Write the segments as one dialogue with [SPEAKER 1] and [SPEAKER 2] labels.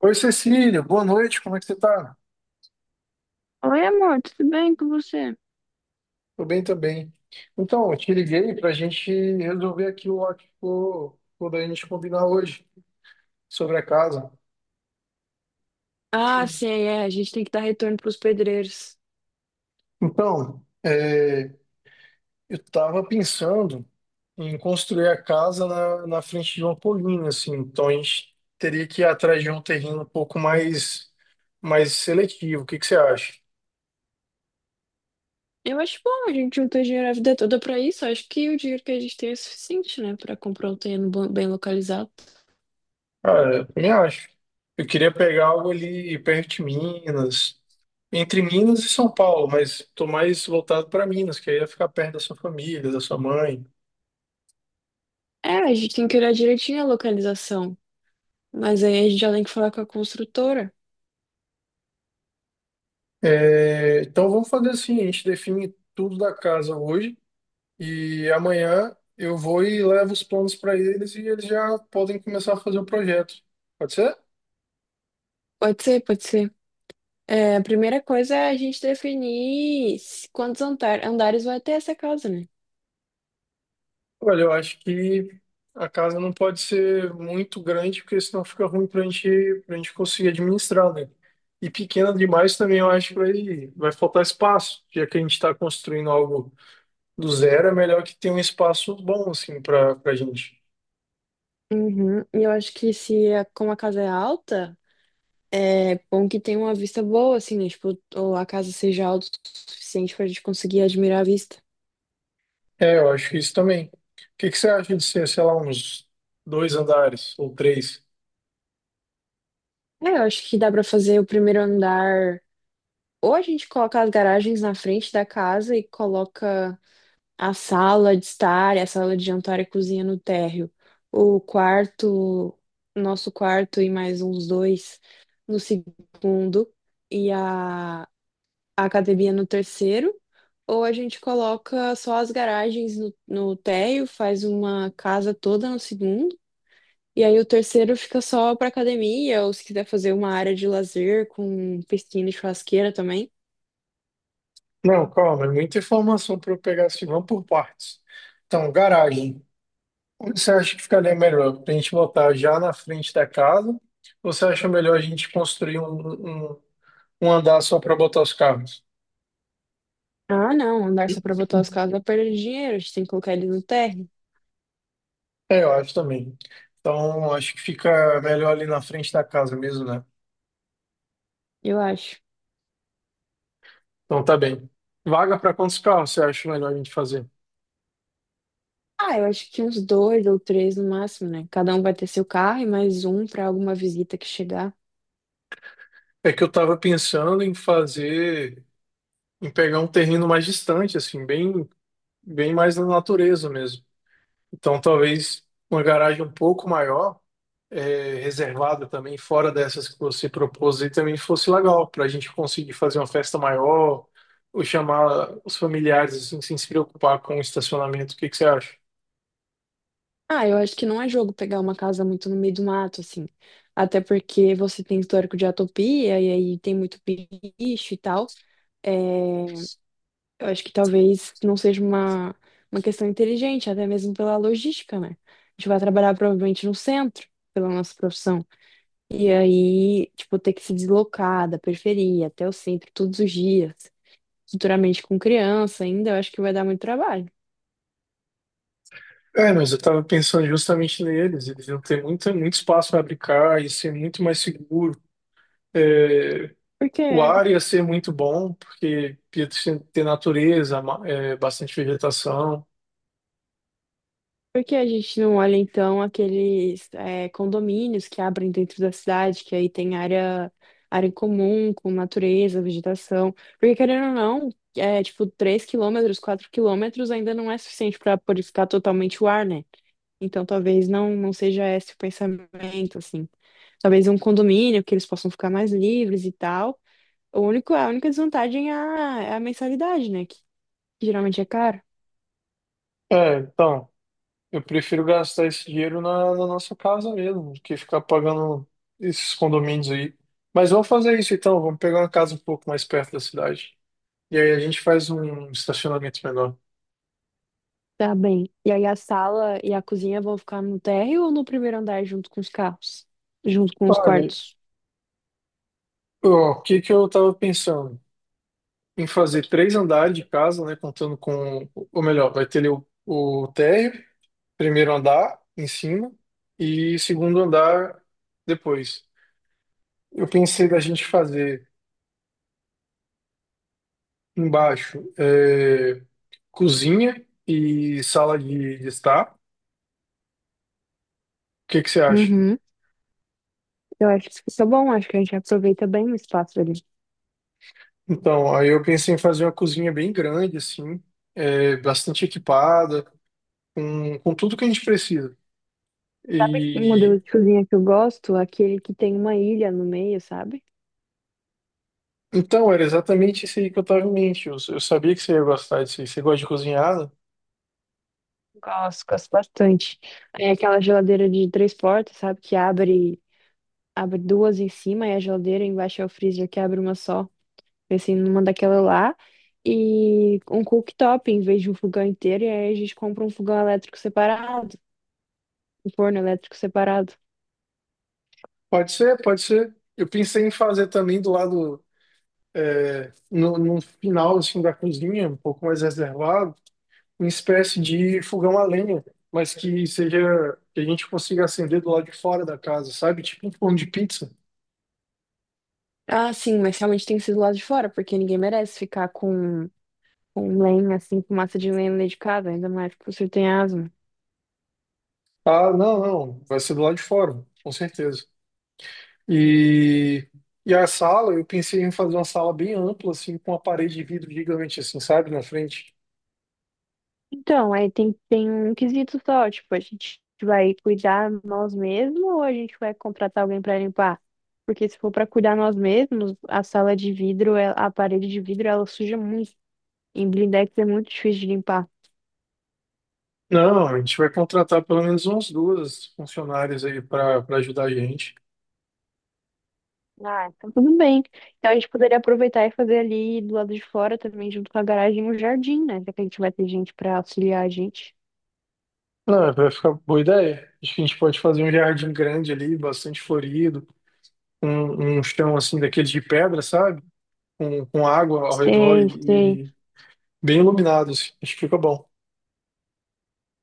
[SPEAKER 1] Oi, Cecília, boa noite, como é que você tá?
[SPEAKER 2] Oi, amor, tudo bem com você?
[SPEAKER 1] Tô bem também. Então, eu te liguei pra gente resolver aquilo lá que ficou da gente combinar hoje, sobre a casa.
[SPEAKER 2] Ah, sim, é. A gente tem que dar retorno pros pedreiros.
[SPEAKER 1] Então, eu tava pensando em construir a casa na frente de uma colina, assim, então a gente teria que ir atrás de um terreno um pouco mais seletivo. O que que você acha?
[SPEAKER 2] Eu acho bom, a gente juntou dinheiro a vida toda pra isso. Acho que o dinheiro que a gente tem é suficiente, né, pra comprar um terreno bem localizado.
[SPEAKER 1] Cara, eu também acho. Eu queria pegar algo ali perto de Minas, entre Minas e São Paulo, mas tô mais voltado para Minas, que aí ia ficar perto da sua família, da sua mãe.
[SPEAKER 2] É, a gente tem que olhar direitinho a localização. Mas aí a gente já tem que falar com a construtora.
[SPEAKER 1] É, então vamos fazer assim: a gente define tudo da casa hoje e amanhã eu vou e levo os planos para eles e eles já podem começar a fazer o projeto. Pode ser?
[SPEAKER 2] Pode ser, pode ser. É, a primeira coisa é a gente definir andares vai ter essa casa, né?
[SPEAKER 1] Olha, eu acho que a casa não pode ser muito grande, porque senão fica ruim para a gente, para gente conseguir administrar, né? E pequena demais também eu acho que vai faltar espaço, já que a gente está construindo algo do zero. É melhor que tenha um espaço bom, assim, para gente.
[SPEAKER 2] Uhum. E eu acho que se a- como a casa é alta. É bom que tenha uma vista boa, assim, né? Tipo, ou a casa seja alta o suficiente pra gente conseguir admirar a vista.
[SPEAKER 1] É, eu acho que isso também. O que que você acha de ser, sei lá, uns dois andares ou três?
[SPEAKER 2] É, eu acho que dá pra fazer o primeiro andar. Ou a gente coloca as garagens na frente da casa e coloca a sala de estar, a sala de jantar e cozinha no térreo. O quarto, nosso quarto e mais uns dois no segundo. E a academia no terceiro, ou a gente coloca só as garagens no térreo, faz uma casa toda no segundo, e aí o terceiro fica só para academia, ou se quiser fazer uma área de lazer com piscina e churrasqueira também.
[SPEAKER 1] Não, calma, é muita informação para eu pegar assim, vamos por partes. Então, garagem. Onde você acha que ficaria melhor? Para a gente botar já na frente da casa? Ou você acha melhor a gente construir um andar só para botar os carros?
[SPEAKER 2] Ah, não, andar só para botar os carros dá perda de dinheiro, a gente tem que colocar eles no térreo,
[SPEAKER 1] É, eu acho também. Então, acho que fica melhor ali na frente da casa mesmo, né?
[SPEAKER 2] eu acho.
[SPEAKER 1] Então, tá bem. Vaga para quantos carros você acha melhor a gente fazer?
[SPEAKER 2] Ah, eu acho que uns dois ou três no máximo, né? Cada um vai ter seu carro e mais um para alguma visita que chegar.
[SPEAKER 1] É que eu estava pensando em fazer, em pegar um terreno mais distante, assim, bem mais na natureza mesmo. Então, talvez uma garagem um pouco maior. É, reservada também, fora dessas que você propôs, aí também fosse legal, para a gente conseguir fazer uma festa maior, ou chamar os familiares, assim, sem se preocupar com o estacionamento. O que que você acha?
[SPEAKER 2] Ah, eu acho que não é jogo pegar uma casa muito no meio do mato, assim. Até porque você tem histórico de atopia e aí tem muito bicho e tal. É, eu acho que talvez não seja uma questão inteligente, até mesmo pela logística, né? A gente vai trabalhar provavelmente no centro, pela nossa profissão. E aí, tipo, ter que se deslocar da periferia até o centro todos os dias, futuramente com criança ainda, eu acho que vai dar muito trabalho.
[SPEAKER 1] É, mas eu estava pensando justamente neles, eles iam ter muito espaço para brincar, ia ser muito mais seguro. É, o
[SPEAKER 2] Porque
[SPEAKER 1] ar ia ser muito bom, porque ia ter natureza, é, bastante vegetação.
[SPEAKER 2] Por que a gente não olha, então, aqueles é, condomínios que abrem dentro da cidade, que aí tem área em comum, com natureza, vegetação? Porque, querendo ou não, é tipo 3 km, 4 km ainda não é suficiente para purificar totalmente o ar, né? Então, talvez não seja esse o pensamento, assim. Talvez um condomínio que eles possam ficar mais livres e tal. O único, a única desvantagem é a mensalidade, né? Que geralmente é caro.
[SPEAKER 1] É, então. Eu prefiro gastar esse dinheiro na nossa casa mesmo, do que ficar pagando esses condomínios aí. Mas vamos fazer isso então, vamos pegar uma casa um pouco mais perto da cidade. E aí a gente faz um estacionamento menor.
[SPEAKER 2] Tá bem. E aí a sala e a cozinha vão ficar no térreo ou no primeiro andar junto com os carros? Junto com os
[SPEAKER 1] Olha,
[SPEAKER 2] quartos?
[SPEAKER 1] ó, o que que eu tava pensando? Em fazer três andares de casa, né? Contando com, ou melhor, vai ter ali o térreo, primeiro andar em cima e segundo andar depois. Eu pensei da gente fazer embaixo cozinha e sala de estar. O que que você acha?
[SPEAKER 2] Uhum. Eu acho que isso é bom, acho que a gente aproveita bem o espaço ali.
[SPEAKER 1] Então, aí eu pensei em fazer uma cozinha bem grande, assim, é, bastante equipada, com tudo que a gente precisa.
[SPEAKER 2] Sabe um modelo
[SPEAKER 1] E
[SPEAKER 2] de cozinha que eu gosto? Aquele que tem uma ilha no meio, sabe?
[SPEAKER 1] então, era exatamente isso aí que eu estava em mente. Eu sabia que você ia gostar disso aí. Você gosta de cozinhar, né?
[SPEAKER 2] Gosto, gosto bastante. É aquela geladeira de três portas, sabe? Que abre duas em cima e a geladeira embaixo é o freezer que abre uma só. Pensei numa daquela lá e um cooktop em vez de um fogão inteiro. E aí a gente compra um fogão elétrico separado, um forno elétrico separado.
[SPEAKER 1] Pode ser, pode ser. Eu pensei em fazer também do lado, no final, assim, da cozinha, um pouco mais reservado, uma espécie de fogão a lenha, mas que seja que a gente consiga acender do lado de fora da casa, sabe? Tipo um forno de pizza.
[SPEAKER 2] Ah, sim, mas realmente tem que ser do lado de fora, porque ninguém merece ficar com lenha, assim, com massa de lenha dedicada, ainda mais que você tem asma.
[SPEAKER 1] Ah, não, não, vai ser do lado de fora, com certeza. E a sala, eu pensei em fazer uma sala bem ampla assim, com uma parede de vidro gigante assim, sabe, na frente.
[SPEAKER 2] Então, aí tem um quesito só, tipo, a gente vai cuidar nós mesmos ou a gente vai contratar alguém para limpar? Porque se for para cuidar nós mesmos, a sala de vidro, a parede de vidro, ela suja muito. Em blindex é muito difícil de limpar.
[SPEAKER 1] Não, a gente vai contratar pelo menos umas duas funcionárias aí para ajudar a gente.
[SPEAKER 2] Ah, então tudo bem. Então a gente poderia aproveitar e fazer ali do lado de fora também, junto com a garagem, um jardim, né? Já que a gente vai ter gente para auxiliar a gente.
[SPEAKER 1] Não, vai ficar boa ideia. Acho que a gente pode fazer um jardim grande ali, bastante florido, um chão assim daquele de pedra, sabe? Com água ao redor
[SPEAKER 2] Sei, sei.
[SPEAKER 1] e bem iluminados. Acho que fica bom.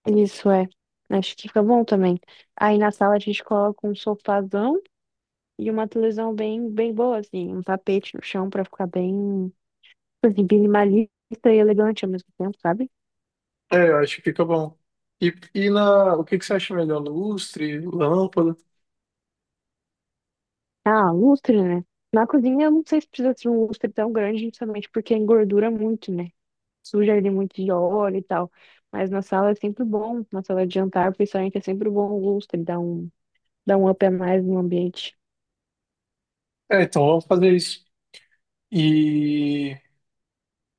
[SPEAKER 2] Isso é. Acho que fica bom também. Aí na sala a gente coloca um sofazão e uma televisão bem, bem boa, assim. Um tapete no chão pra ficar bem, assim, minimalista e elegante ao mesmo tempo, sabe?
[SPEAKER 1] É, eu acho que fica bom. O que que você acha melhor? Lustre, lâmpada?
[SPEAKER 2] Ah, lustre, né? Na cozinha eu não sei se precisa ser um lustre tão grande, justamente porque engordura muito, né? Suja ele muito de óleo e tal. Mas na sala é sempre bom, na sala de jantar, principalmente, é sempre bom o lustre, dá um up a mais no ambiente.
[SPEAKER 1] É, então vamos fazer isso. E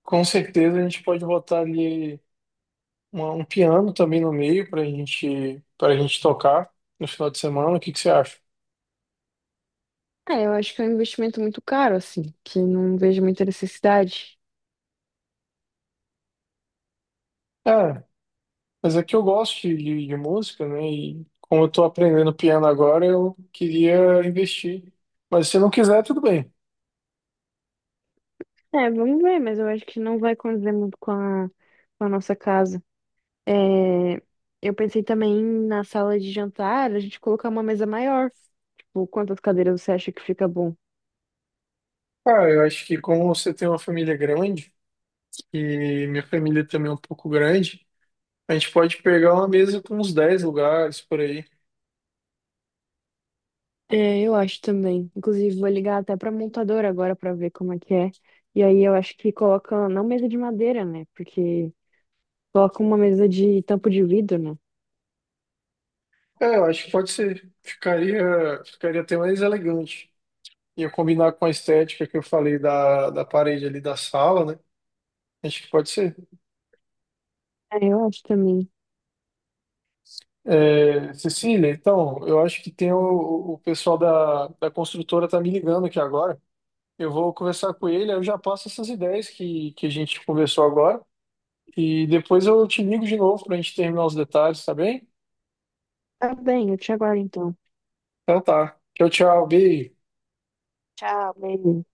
[SPEAKER 1] com certeza a gente pode botar ali um piano também no meio para gente tocar no final de semana. O que que você acha?
[SPEAKER 2] É, eu acho que é um investimento muito caro, assim, que não vejo muita necessidade.
[SPEAKER 1] É, mas é que eu gosto de música, né? E como eu tô aprendendo piano agora, eu queria investir. Mas se não quiser, tudo bem.
[SPEAKER 2] É, vamos ver, mas eu acho que não vai condizer muito com a nossa casa. É, eu pensei também na sala de jantar, a gente colocar uma mesa maior. Tipo, quantas cadeiras você acha que fica bom?
[SPEAKER 1] Cara, eu acho que como você tem uma família grande, e minha família também é um pouco grande, a gente pode pegar uma mesa com uns 10 lugares por aí.
[SPEAKER 2] É, eu acho também. Inclusive, vou ligar até pra montadora agora pra ver como é que é. E aí eu acho que coloca, não mesa de madeira, né? Porque coloca uma mesa de tampo de vidro, né?
[SPEAKER 1] É, eu acho que pode ser. Ficaria, ficaria até mais elegante. Ia combinar com a estética que eu falei da parede ali da sala, né? Acho que pode ser.
[SPEAKER 2] É, eu acho também.
[SPEAKER 1] É, Cecília, então, eu acho que tem o pessoal da construtora tá me ligando aqui agora. Eu vou conversar com ele, aí eu já passo essas ideias que a gente conversou agora. E depois eu te ligo de novo pra gente terminar os detalhes, tá bem?
[SPEAKER 2] Tá bem, eu te aguardo então.
[SPEAKER 1] Então tá. Tchau, tchau. Beijo.
[SPEAKER 2] Tchau, beijo.